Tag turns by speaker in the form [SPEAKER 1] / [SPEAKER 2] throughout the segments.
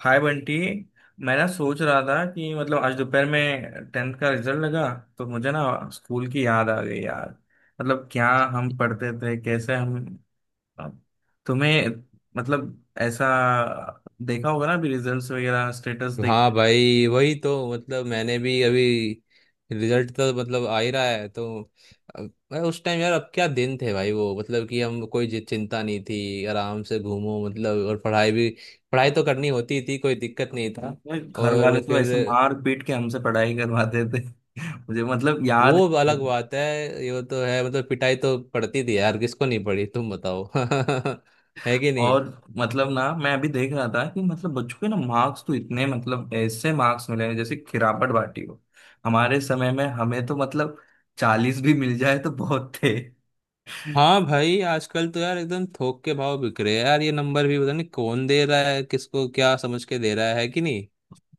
[SPEAKER 1] हाय बंटी। मैं ना सोच रहा था कि मतलब आज दोपहर में टेंथ का रिजल्ट लगा तो मुझे ना स्कूल की याद आ गई यार। मतलब क्या हम पढ़ते थे, कैसे हम तुम्हें मतलब ऐसा देखा होगा ना अभी रिजल्ट्स वगैरह स्टेटस
[SPEAKER 2] हाँ
[SPEAKER 1] देखने
[SPEAKER 2] भाई, वही तो। मतलब मैंने भी अभी रिजल्ट तो, मतलब आ ही रहा है तो। मैं उस टाइम, यार अब क्या दिन थे भाई वो। मतलब कि हम कोई चिंता नहीं थी, आराम से घूमो, मतलब। और पढ़ाई भी, पढ़ाई तो करनी होती थी, कोई दिक्कत नहीं था।
[SPEAKER 1] में। घर वाले
[SPEAKER 2] और
[SPEAKER 1] तो
[SPEAKER 2] फिर
[SPEAKER 1] ऐसे मार पीट के हमसे पढ़ाई करवाते थे मुझे मतलब
[SPEAKER 2] वो
[SPEAKER 1] याद है।
[SPEAKER 2] अलग बात है। ये तो है, मतलब पिटाई तो पड़ती थी यार, किसको नहीं पड़ी तुम बताओ। है कि नहीं।
[SPEAKER 1] और मतलब ना मैं अभी देख रहा था कि मतलब बच्चों के ना मार्क्स तो इतने मतलब ऐसे मार्क्स मिले हैं जैसे खिरापट बाटी हो। हमारे समय में हमें तो मतलब 40 भी मिल जाए तो बहुत थे
[SPEAKER 2] हाँ भाई, आजकल तो यार एकदम थोक के भाव बिक रहे हैं यार। ये नंबर भी पता नहीं कौन दे रहा है किसको, क्या समझ के दे रहा है, कि नहीं।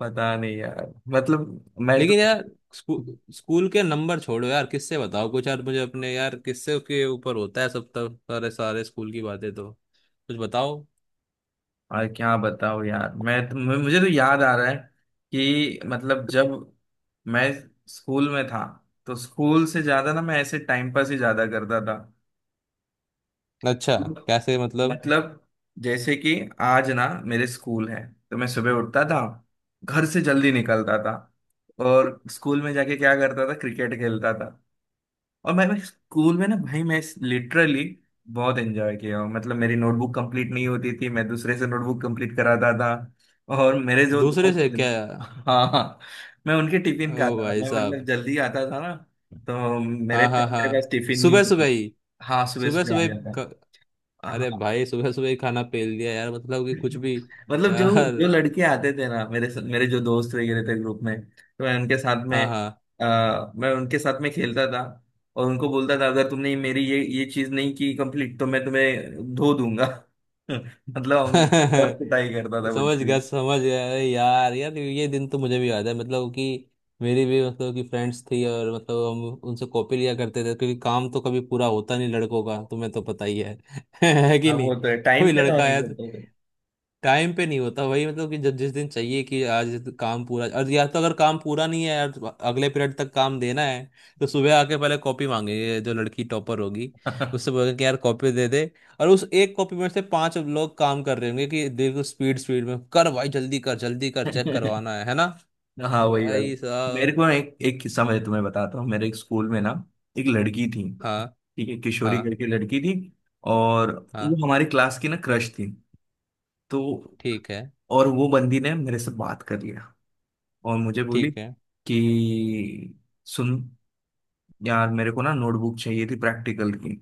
[SPEAKER 1] पता नहीं यार मतलब, मैं तो।
[SPEAKER 2] लेकिन यार स्कू, स्कूल के नंबर छोड़ो यार। किससे बताओ कुछ यार, मुझे अपने यार किससे के ऊपर होता है सब तक सारे सारे स्कूल की बातें। तो कुछ बताओ।
[SPEAKER 1] और क्या बताऊँ यार, मैं तो मुझे तो याद आ रहा है कि मतलब जब मैं स्कूल में था तो स्कूल से ज्यादा ना मैं ऐसे टाइम पास ही ज्यादा करता
[SPEAKER 2] अच्छा,
[SPEAKER 1] था।
[SPEAKER 2] कैसे मतलब।
[SPEAKER 1] मतलब जैसे कि आज ना मेरे स्कूल है तो मैं सुबह उठता था, घर से जल्दी निकलता था और स्कूल में जाके क्या करता था, क्रिकेट खेलता था। और मैं स्कूल में ना भाई मैं लिटरली बहुत एंजॉय किया हूँ। मतलब मेरी नोटबुक कंप्लीट नहीं होती थी, मैं दूसरे से नोटबुक कंप्लीट कराता था। और मेरे जो
[SPEAKER 2] दूसरे
[SPEAKER 1] दोस्त
[SPEAKER 2] से
[SPEAKER 1] थे-
[SPEAKER 2] क्या।
[SPEAKER 1] हाँ हाँ। मैं उनके टिफिन
[SPEAKER 2] ओ
[SPEAKER 1] खाता था,
[SPEAKER 2] भाई
[SPEAKER 1] मैं मतलब
[SPEAKER 2] साहब।
[SPEAKER 1] जल्दी आता था ना, तो मेरे
[SPEAKER 2] हाँ, हाँ,
[SPEAKER 1] मेरे
[SPEAKER 2] हाँ।
[SPEAKER 1] पास टिफिन नहीं
[SPEAKER 2] सुबह सुबह
[SPEAKER 1] होती।
[SPEAKER 2] ही।
[SPEAKER 1] हाँ सुबह
[SPEAKER 2] सुबह
[SPEAKER 1] सुबह
[SPEAKER 2] सुबह
[SPEAKER 1] आ
[SPEAKER 2] ही।
[SPEAKER 1] जाता।
[SPEAKER 2] क- अरे
[SPEAKER 1] हाँ।
[SPEAKER 2] भाई सुबह सुबह ही खाना पेल दिया यार, मतलब कि कुछ भी
[SPEAKER 1] मतलब जो
[SPEAKER 2] यार।
[SPEAKER 1] जो लड़के आते थे ना, मेरे मेरे जो दोस्त वगैरह थे ग्रुप में, तो मैं उनके साथ में
[SPEAKER 2] हाँ,
[SPEAKER 1] आ, मैं उनके साथ में खेलता था। और उनको बोलता था अगर तुमने मेरी ये चीज नहीं की कंप्लीट तो मैं तुम्हें धो दूंगा। मतलब हम बहुत
[SPEAKER 2] हाँ।
[SPEAKER 1] कुटाई करता था
[SPEAKER 2] समझ
[SPEAKER 1] मुझे।
[SPEAKER 2] गया, समझ गया। अरे यार यार, ये दिन तो मुझे भी याद है। मतलब कि मेरी भी, मतलब कि फ्रेंड्स थी, और मतलब हम उनसे कॉपी लिया करते थे, क्योंकि काम तो कभी पूरा होता नहीं लड़कों का, तुम्हें तो पता ही है। है कि
[SPEAKER 1] हाँ
[SPEAKER 2] नहीं।
[SPEAKER 1] वो तो है, टाइम
[SPEAKER 2] कोई
[SPEAKER 1] पे तो
[SPEAKER 2] लड़का
[SPEAKER 1] नहीं
[SPEAKER 2] आया तो
[SPEAKER 1] करते थे
[SPEAKER 2] टाइम पे नहीं होता, वही मतलब कि जब जिस दिन चाहिए कि आज काम पूरा, और या तो अगर काम पूरा नहीं है यार, अगले पीरियड तक काम देना है, तो सुबह आके पहले कॉपी मांगेंगे। जो लड़की टॉपर होगी उससे बोलेंगे कि यार कॉपी दे दे, और उस एक कॉपी में से पांच लोग काम कर रहे होंगे कि देखो स्पीड स्पीड में कर भाई, जल्दी कर जल्दी कर, चेक करवाना है ना।
[SPEAKER 1] हाँ वही वाला।
[SPEAKER 2] भाई
[SPEAKER 1] मेरे
[SPEAKER 2] साहब।
[SPEAKER 1] को एक एक किस्सा मैं तुम्हें बताता हूँ। मेरे एक स्कूल में ना एक लड़की थी।
[SPEAKER 2] हाँ,
[SPEAKER 1] ठीक है, किशोरी
[SPEAKER 2] हाँ,
[SPEAKER 1] करके लड़की थी। और
[SPEAKER 2] हाँ।
[SPEAKER 1] वो हमारी क्लास की ना क्रश थी। तो
[SPEAKER 2] ठीक है,
[SPEAKER 1] और वो बंदी ने मेरे से बात कर लिया। और मुझे बोली
[SPEAKER 2] ठीक है,
[SPEAKER 1] कि सुन यार, मेरे को ना नोटबुक चाहिए थी प्रैक्टिकल की।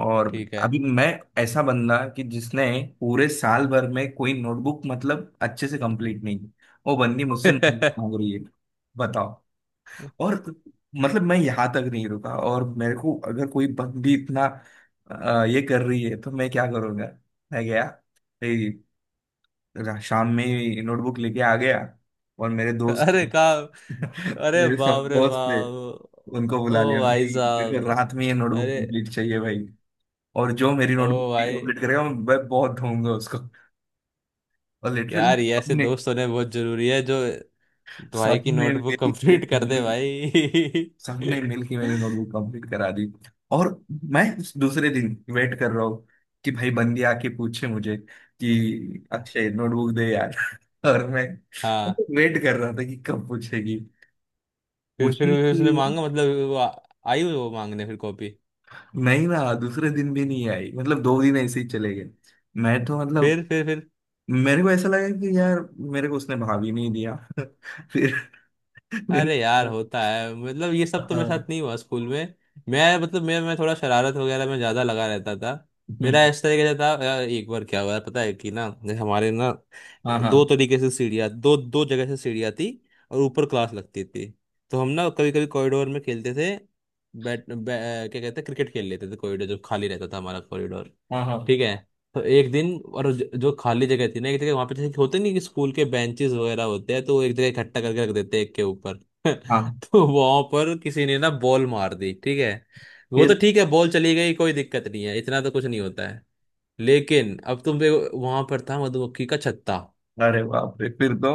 [SPEAKER 1] और
[SPEAKER 2] ठीक है।
[SPEAKER 1] अभी मैं ऐसा बंदा कि जिसने पूरे साल भर में कोई नोटबुक मतलब अच्छे से कंप्लीट नहीं की, वो बंदी मुझसे notebook मांग रही है। बताओ। और मतलब मैं यहाँ तक नहीं रुका, और मेरे को अगर कोई बंदी इतना ये कर रही है तो मैं क्या करूँगा। मैं गया, शाम में ही नोटबुक लेके आ गया। और मेरे दोस्त
[SPEAKER 2] अरे
[SPEAKER 1] थे
[SPEAKER 2] काम। अरे
[SPEAKER 1] मेरे
[SPEAKER 2] बाप
[SPEAKER 1] सब
[SPEAKER 2] रे
[SPEAKER 1] दोस्त थे,
[SPEAKER 2] बाप।
[SPEAKER 1] उनको
[SPEAKER 2] ओ
[SPEAKER 1] बुला लिया,
[SPEAKER 2] भाई
[SPEAKER 1] भाई मेरे को
[SPEAKER 2] साहब।
[SPEAKER 1] रात में ये नोटबुक
[SPEAKER 2] अरे।
[SPEAKER 1] कंप्लीट चाहिए भाई। और जो मेरी
[SPEAKER 2] ओ
[SPEAKER 1] नोटबुक
[SPEAKER 2] भाई,
[SPEAKER 1] कंप्लीट करेगा मैं बहुत ढूंढूंगा उसको। और लिटरली
[SPEAKER 2] यार ये ऐसे
[SPEAKER 1] सबने
[SPEAKER 2] दोस्त होने बहुत जरूरी है जो भाई की
[SPEAKER 1] सबने
[SPEAKER 2] नोटबुक
[SPEAKER 1] मेरी
[SPEAKER 2] कंप्लीट कर दे
[SPEAKER 1] मेरी-
[SPEAKER 2] भाई।
[SPEAKER 1] सबने मिलके मेरी नोटबुक कंप्लीट करा दी। और मैं उस दूसरे दिन वेट कर रहा हूँ कि भाई बंदी आके पूछे मुझे कि अक्षय नोटबुक दे यार और मैं
[SPEAKER 2] हाँ।
[SPEAKER 1] वेट कर रहा था कि कब पूछेगी,
[SPEAKER 2] फिर
[SPEAKER 1] खुशी थी।
[SPEAKER 2] उसने मांगा, मतलब वो आई वो मांगने फिर कॉपी।
[SPEAKER 1] नहीं ना दूसरे दिन भी नहीं आई, मतलब 2 दिन ऐसे ही चले गए। मैं तो मतलब
[SPEAKER 2] फिर, फिर, फिर।
[SPEAKER 1] मेरे को ऐसा लगा कि यार मेरे को उसने भाव ही नहीं दिया फिर फिर।
[SPEAKER 2] अरे यार होता है, मतलब ये सब तो मेरे
[SPEAKER 1] हाँ।
[SPEAKER 2] साथ नहीं हुआ स्कूल में। मैं मतलब मैं थोड़ा शरारत वगैरह में ज्यादा लगा रहता था। मेरा
[SPEAKER 1] हम्म।
[SPEAKER 2] इस तरीके से था। एक बार क्या हुआ पता है कि ना, जैसे हमारे ना
[SPEAKER 1] हाँ हाँ
[SPEAKER 2] दो तरीके से सीढ़ियाँ, दो दो जगह से सीढ़ियाँ थी, और ऊपर क्लास लगती थी। तो हम ना कभी कभी कॉरिडोर में खेलते थे। क्या कहते हैं, क्रिकेट खेल लेते थे कॉरिडोर, जब खाली रहता था हमारा कॉरिडोर।
[SPEAKER 1] हाँ हाँ
[SPEAKER 2] ठीक है। तो एक दिन, और जो खाली जगह थी ना एक जगह, वहां पे जैसे कि होते नहीं कि स्कूल के बेंचेस वगैरह होते हैं तो वो एक जगह इकट्ठा करके रख देते हैं एक के ऊपर।
[SPEAKER 1] हाँ।
[SPEAKER 2] तो वहां पर किसी ने ना बॉल मार दी, ठीक है। वो तो
[SPEAKER 1] फिर
[SPEAKER 2] ठीक है, बॉल चली गई, कोई दिक्कत नहीं है, इतना तो कुछ नहीं होता है। लेकिन अब तुम देखो, वहां पर था मधुमक्खी का छत्ता।
[SPEAKER 1] अरे बाप रे, फिर तो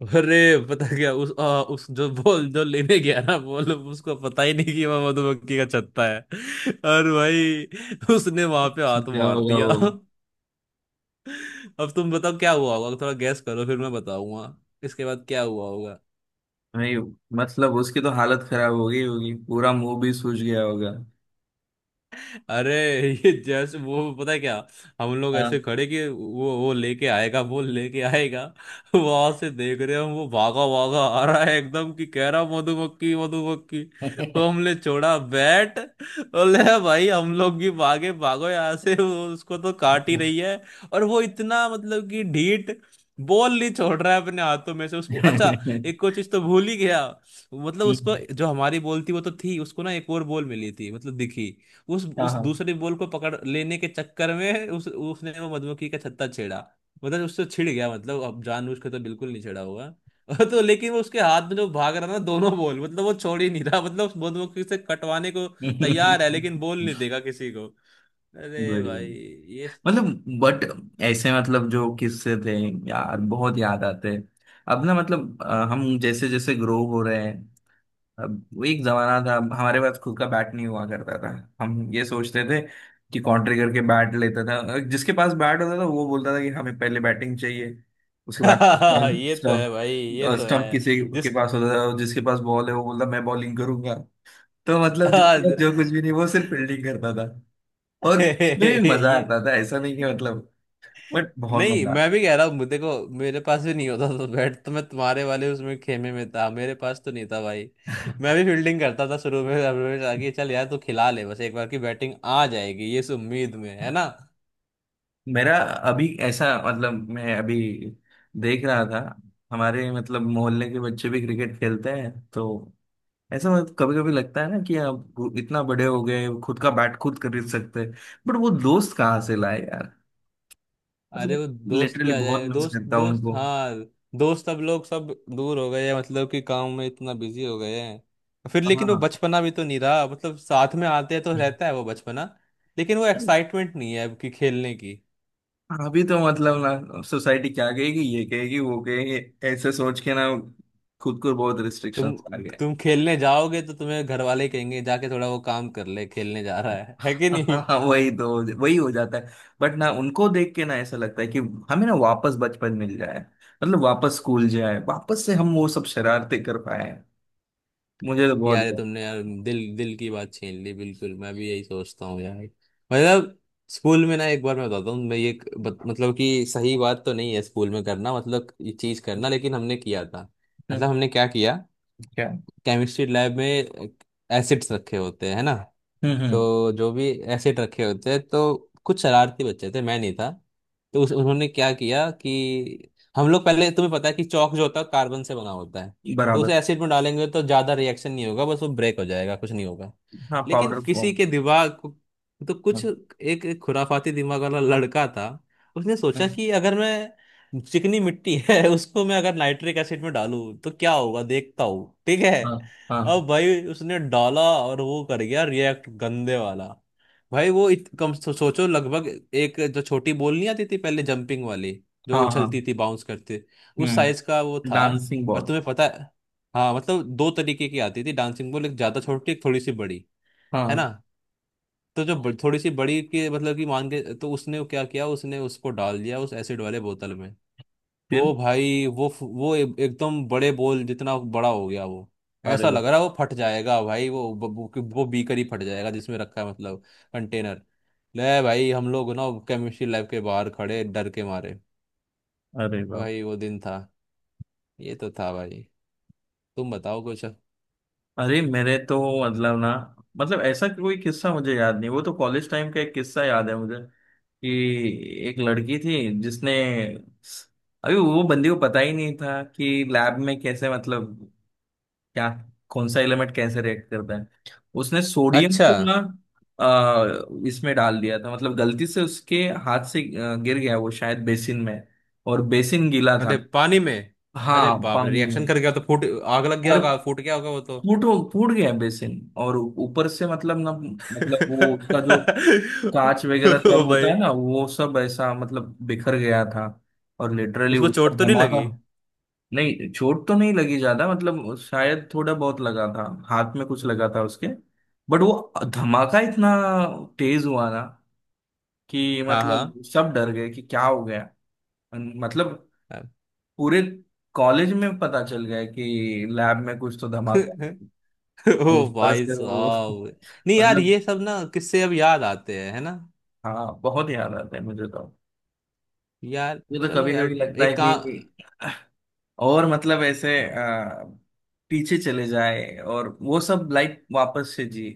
[SPEAKER 2] अरे। पता क्या, उस उस जो बॉल जो लेने गया ना बॉल, उसको पता ही नहीं कि वह मधुमक्खी का छत्ता है। और भाई उसने वहां पे हाथ
[SPEAKER 1] सीधा
[SPEAKER 2] मार
[SPEAKER 1] होगा
[SPEAKER 2] दिया।
[SPEAKER 1] वो।
[SPEAKER 2] अब तुम बताओ क्या हुआ होगा, थोड़ा गैस करो फिर मैं बताऊंगा। इसके बाद क्या हुआ होगा।
[SPEAKER 1] नहीं मतलब उसकी तो हालत खराब हो गई होगी, पूरा मुंह भी सूज गया होगा।
[SPEAKER 2] अरे ये जैसे वो, पता है क्या। हम लोग ऐसे
[SPEAKER 1] हाँ
[SPEAKER 2] खड़े कि वो लेके आएगा, वो लेके आएगा। वहां से देख रहे हम, वो भागा भागा आ रहा है एकदम, कि कह रहा मधुमक्खी मधुमक्खी। तो हमने छोड़ा बैट। बोले "हाँ भाई हम लोग भी भागे, भागो यहाँ से, वो उसको तो काट ही रही है।" और वो इतना मतलब कि ढीठ, बॉल नहीं छोड़ रहा है अपने हाथों में से उसको। अच्छा, एक और चीज तो भूल ही गया। मतलब उसको जो हमारी बॉल थी वो तो थी, उसको ना एक और बॉल मिली थी मतलब दिखी। उस
[SPEAKER 1] हाँ
[SPEAKER 2] उस
[SPEAKER 1] हाँ
[SPEAKER 2] दूसरे बॉल को पकड़ लेने के चक्कर में उस उसने वो मधुमक्खी का छत्ता छेड़ा। मतलब उससे छिड़ गया। मतलब अब जानबूझ के तो बिल्कुल नहीं छेड़ा होगा। और तो लेकिन वो उसके हाथ में जो भाग रहा ना दोनों बॉल, मतलब वो छोड़ ही नहीं रहा, मतलब उस मधुमक्खी से कटवाने को तैयार है, लेकिन बॉल नहीं देगा किसी को। अरे भाई
[SPEAKER 1] बढ़िया।
[SPEAKER 2] ये।
[SPEAKER 1] मतलब बट ऐसे मतलब जो किस्से थे यार बहुत याद आते। अब ना मतलब हम जैसे जैसे ग्रो हो रहे हैं। अब वो एक जमाना था, हमारे पास खुद का बैट नहीं हुआ करता था। हम ये सोचते थे कि कॉन्ट्री करके बैट लेता था जिसके पास बैट होता था वो बोलता था कि हमें पहले बैटिंग चाहिए, उसके बाद
[SPEAKER 2] ये तो है
[SPEAKER 1] स्टम्प।
[SPEAKER 2] भाई, ये तो
[SPEAKER 1] स्टम्प
[SPEAKER 2] है।
[SPEAKER 1] किसी के
[SPEAKER 2] जिस।
[SPEAKER 1] पास होता था, जिसके पास बॉल है वो बोलता मैं बॉलिंग करूंगा। तो मतलब जिसके पास
[SPEAKER 2] हाँ।
[SPEAKER 1] जो कुछ भी नहीं वो सिर्फ फील्डिंग करता था। और उसमें भी मजा
[SPEAKER 2] ये
[SPEAKER 1] आता था, ऐसा नहीं कि मतलब बट बहुत
[SPEAKER 2] नहीं,
[SPEAKER 1] मजा
[SPEAKER 2] मैं भी कह रहा हूँ, मुझे देखो, मेरे पास भी नहीं होता था बैट। तो मैं तुम्हारे वाले उसमें खेमे में था, मेरे पास तो नहीं था भाई। मैं भी फील्डिंग करता था शुरू में, रमेश आके चल यार तू खिला ले, बस एक बार की बैटिंग आ जाएगी, ये इस उम्मीद में, है ना।
[SPEAKER 1] मेरा अभी ऐसा मतलब मैं अभी देख रहा था हमारे मतलब मोहल्ले के बच्चे भी क्रिकेट खेलते हैं, तो ऐसा मतलब कभी कभी लगता है ना कि आप इतना बड़े हो गए, खुद का बैट खुद खरीद सकते हैं। बट वो दोस्त कहाँ से लाए यार,
[SPEAKER 2] अरे
[SPEAKER 1] मतलब
[SPEAKER 2] वो दोस्त भी
[SPEAKER 1] लिटरली
[SPEAKER 2] आ
[SPEAKER 1] बहुत
[SPEAKER 2] जाए,
[SPEAKER 1] मिस
[SPEAKER 2] दोस्त
[SPEAKER 1] करता हूँ
[SPEAKER 2] दोस्त,
[SPEAKER 1] उनको।
[SPEAKER 2] हाँ। दोस्त अब लोग सब दूर हो गए हैं, मतलब कि काम में इतना बिजी हो गए हैं। फिर लेकिन वो
[SPEAKER 1] हाँ।
[SPEAKER 2] बचपना भी तो नहीं रहा, मतलब साथ में आते हैं तो रहता है वो बचपना, लेकिन वो
[SPEAKER 1] अरे,
[SPEAKER 2] एक्साइटमेंट नहीं है अब कि खेलने की।
[SPEAKER 1] अभी तो मतलब ना सोसाइटी क्या कहेगी, ये कहेगी वो कहेगी, ऐसे सोच के ना खुद को बहुत
[SPEAKER 2] तुम
[SPEAKER 1] रिस्ट्रिक्शंस आ गए।
[SPEAKER 2] तुम खेलने जाओगे तो तुम्हें घर वाले कहेंगे जाके थोड़ा वो काम कर ले, खेलने जा रहा है कि नहीं।
[SPEAKER 1] हाँ हाँ वही तो वही हो जाता है। बट ना उनको देख के ना ऐसा लगता है कि हमें ना वापस बचपन मिल जाए, मतलब वापस स्कूल जाए, वापस से हम वो सब शरारते कर पाए हैं। मुझे तो
[SPEAKER 2] यार ये
[SPEAKER 1] बहुत।
[SPEAKER 2] तुमने यार दिल दिल की बात छीन ली बिल्कुल, मैं भी यही सोचता हूँ यार। मतलब स्कूल में ना, एक बार मैं बताता हूँ। मैं ये एक मतलब कि सही बात तो नहीं है स्कूल में करना, मतलब ये चीज करना, लेकिन हमने किया था।
[SPEAKER 1] हम्म,
[SPEAKER 2] मतलब हमने क्या किया।
[SPEAKER 1] क्या।
[SPEAKER 2] केमिस्ट्री लैब में एसिड्स रखे होते हैं, है ना।
[SPEAKER 1] हम्म।
[SPEAKER 2] तो जो भी एसिड रखे होते हैं, तो कुछ शरारती बच्चे थे, मैं नहीं था। तो उस उन्होंने क्या किया कि हम लोग पहले, तुम्हें पता है कि चौक जो होता है कार्बन से बना होता है। तो
[SPEAKER 1] बराबर।
[SPEAKER 2] उसे एसिड में डालेंगे तो ज़्यादा रिएक्शन नहीं होगा, बस वो ब्रेक हो जाएगा, कुछ नहीं होगा।
[SPEAKER 1] हाँ
[SPEAKER 2] लेकिन
[SPEAKER 1] पाउडर
[SPEAKER 2] किसी
[SPEAKER 1] फॉर्म।
[SPEAKER 2] के दिमाग को, तो कुछ
[SPEAKER 1] हाँ
[SPEAKER 2] एक एक खुराफाती दिमाग वाला लड़का था। उसने सोचा
[SPEAKER 1] हाँ
[SPEAKER 2] कि अगर मैं चिकनी मिट्टी है उसको मैं अगर नाइट्रिक एसिड में डालूं तो क्या होगा देखता हूँ, ठीक है।
[SPEAKER 1] हाँ
[SPEAKER 2] अब भाई उसने डाला, और वो कर गया रिएक्ट, गंदे वाला। भाई वो सोचो लगभग, एक जो छोटी बॉल नहीं आती थी पहले जंपिंग वाली, जो
[SPEAKER 1] हाँ हाँ।
[SPEAKER 2] उछलती थी बाउंस करते, उस साइज का वो
[SPEAKER 1] हम्म।
[SPEAKER 2] था।
[SPEAKER 1] डांसिंग
[SPEAKER 2] और
[SPEAKER 1] बॉल।
[SPEAKER 2] तुम्हें पता है, हाँ मतलब दो तरीके की आती थी डांसिंग बॉल, एक ज्यादा छोटी, एक थोड़ी सी बड़ी, है
[SPEAKER 1] हाँ।
[SPEAKER 2] ना। तो जो थोड़ी सी बड़ी के मतलब कि मान के, तो उसने क्या किया, उसने उसको डाल दिया उस एसिड वाले बोतल में।
[SPEAKER 1] फिर।
[SPEAKER 2] ओ भाई वो एकदम बड़े बोल जितना बड़ा हो गया वो।
[SPEAKER 1] अरे
[SPEAKER 2] ऐसा
[SPEAKER 1] वाह।
[SPEAKER 2] लग रहा है वो फट जाएगा भाई, वो वो बीकर ही फट जाएगा जिसमें रखा है, मतलब कंटेनर। ले भाई, हम लोग ना केमिस्ट्री लैब के बाहर खड़े डर के मारे।
[SPEAKER 1] अरे वाह।
[SPEAKER 2] भाई वो दिन था। ये तो था भाई। तुम बताओ कुछ।
[SPEAKER 1] अरे मेरे तो मतलब ना मतलब ऐसा कोई किस्सा मुझे याद नहीं। वो तो कॉलेज टाइम का एक किस्सा याद है मुझे। कि एक लड़की थी जिसने, अभी वो बंदी को पता ही नहीं था कि लैब में कैसे मतलब क्या, कौन सा एलिमेंट कैसे रिएक्ट करता है। उसने सोडियम
[SPEAKER 2] अच्छा।
[SPEAKER 1] को ना इसमें डाल दिया था, मतलब गलती से उसके हाथ से गिर गया वो शायद बेसिन में। और बेसिन गीला
[SPEAKER 2] अरे
[SPEAKER 1] था।
[SPEAKER 2] पानी में। अरे
[SPEAKER 1] हाँ
[SPEAKER 2] बाप रे,
[SPEAKER 1] पानी में।
[SPEAKER 2] रिएक्शन कर गया तो फूट, आग लग गया
[SPEAKER 1] और
[SPEAKER 2] होगा, फूट गया होगा वो तो।
[SPEAKER 1] फूट फूट गया बेसिन। और ऊपर से मतलब ना मतलब वो उसका जो कांच वगैरह सब
[SPEAKER 2] ओ
[SPEAKER 1] होता
[SPEAKER 2] भाई।
[SPEAKER 1] है ना, वो सब ऐसा मतलब बिखर गया था। और लिटरली
[SPEAKER 2] उसको
[SPEAKER 1] उसका
[SPEAKER 2] चोट तो नहीं
[SPEAKER 1] धमाका।
[SPEAKER 2] लगी।
[SPEAKER 1] नहीं चोट तो नहीं लगी ज्यादा, मतलब शायद थोड़ा बहुत लगा था। हाथ में कुछ लगा था उसके। बट वो धमाका इतना तेज हुआ ना कि
[SPEAKER 2] हाँ,
[SPEAKER 1] मतलब सब डर गए कि क्या हो गया। मतलब
[SPEAKER 2] हाँ।
[SPEAKER 1] पूरे कॉलेज में पता चल गया कि लैब में कुछ तो धमाका।
[SPEAKER 2] ओ
[SPEAKER 1] ऊपर
[SPEAKER 2] भाई
[SPEAKER 1] से वो
[SPEAKER 2] साहब। नहीं यार,
[SPEAKER 1] मतलब
[SPEAKER 2] ये सब ना किससे अब याद आते हैं, है ना।
[SPEAKER 1] हाँ, बहुत याद आता है मुझे तो।
[SPEAKER 2] यार
[SPEAKER 1] मुझे तो
[SPEAKER 2] चलो
[SPEAKER 1] कभी कभी
[SPEAKER 2] यार,
[SPEAKER 1] लगता है
[SPEAKER 2] एक काम।
[SPEAKER 1] कि और मतलब ऐसे पीछे चले जाए और वो सब लाइफ वापस से जी।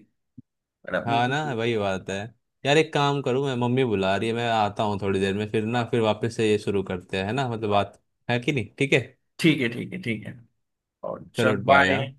[SPEAKER 1] पर अब-
[SPEAKER 2] हाँ ना वही बात है। यार एक काम करूँ, मैं मम्मी बुला रही है, मैं आता हूँ थोड़ी देर में, फिर ना फिर वापस से ये शुरू करते हैं, है ना, मतलब बात। है कि नहीं, ठीक है।
[SPEAKER 1] ठीक है ठीक है ठीक है। और चल
[SPEAKER 2] चलो बाय, हाँ।
[SPEAKER 1] बाय।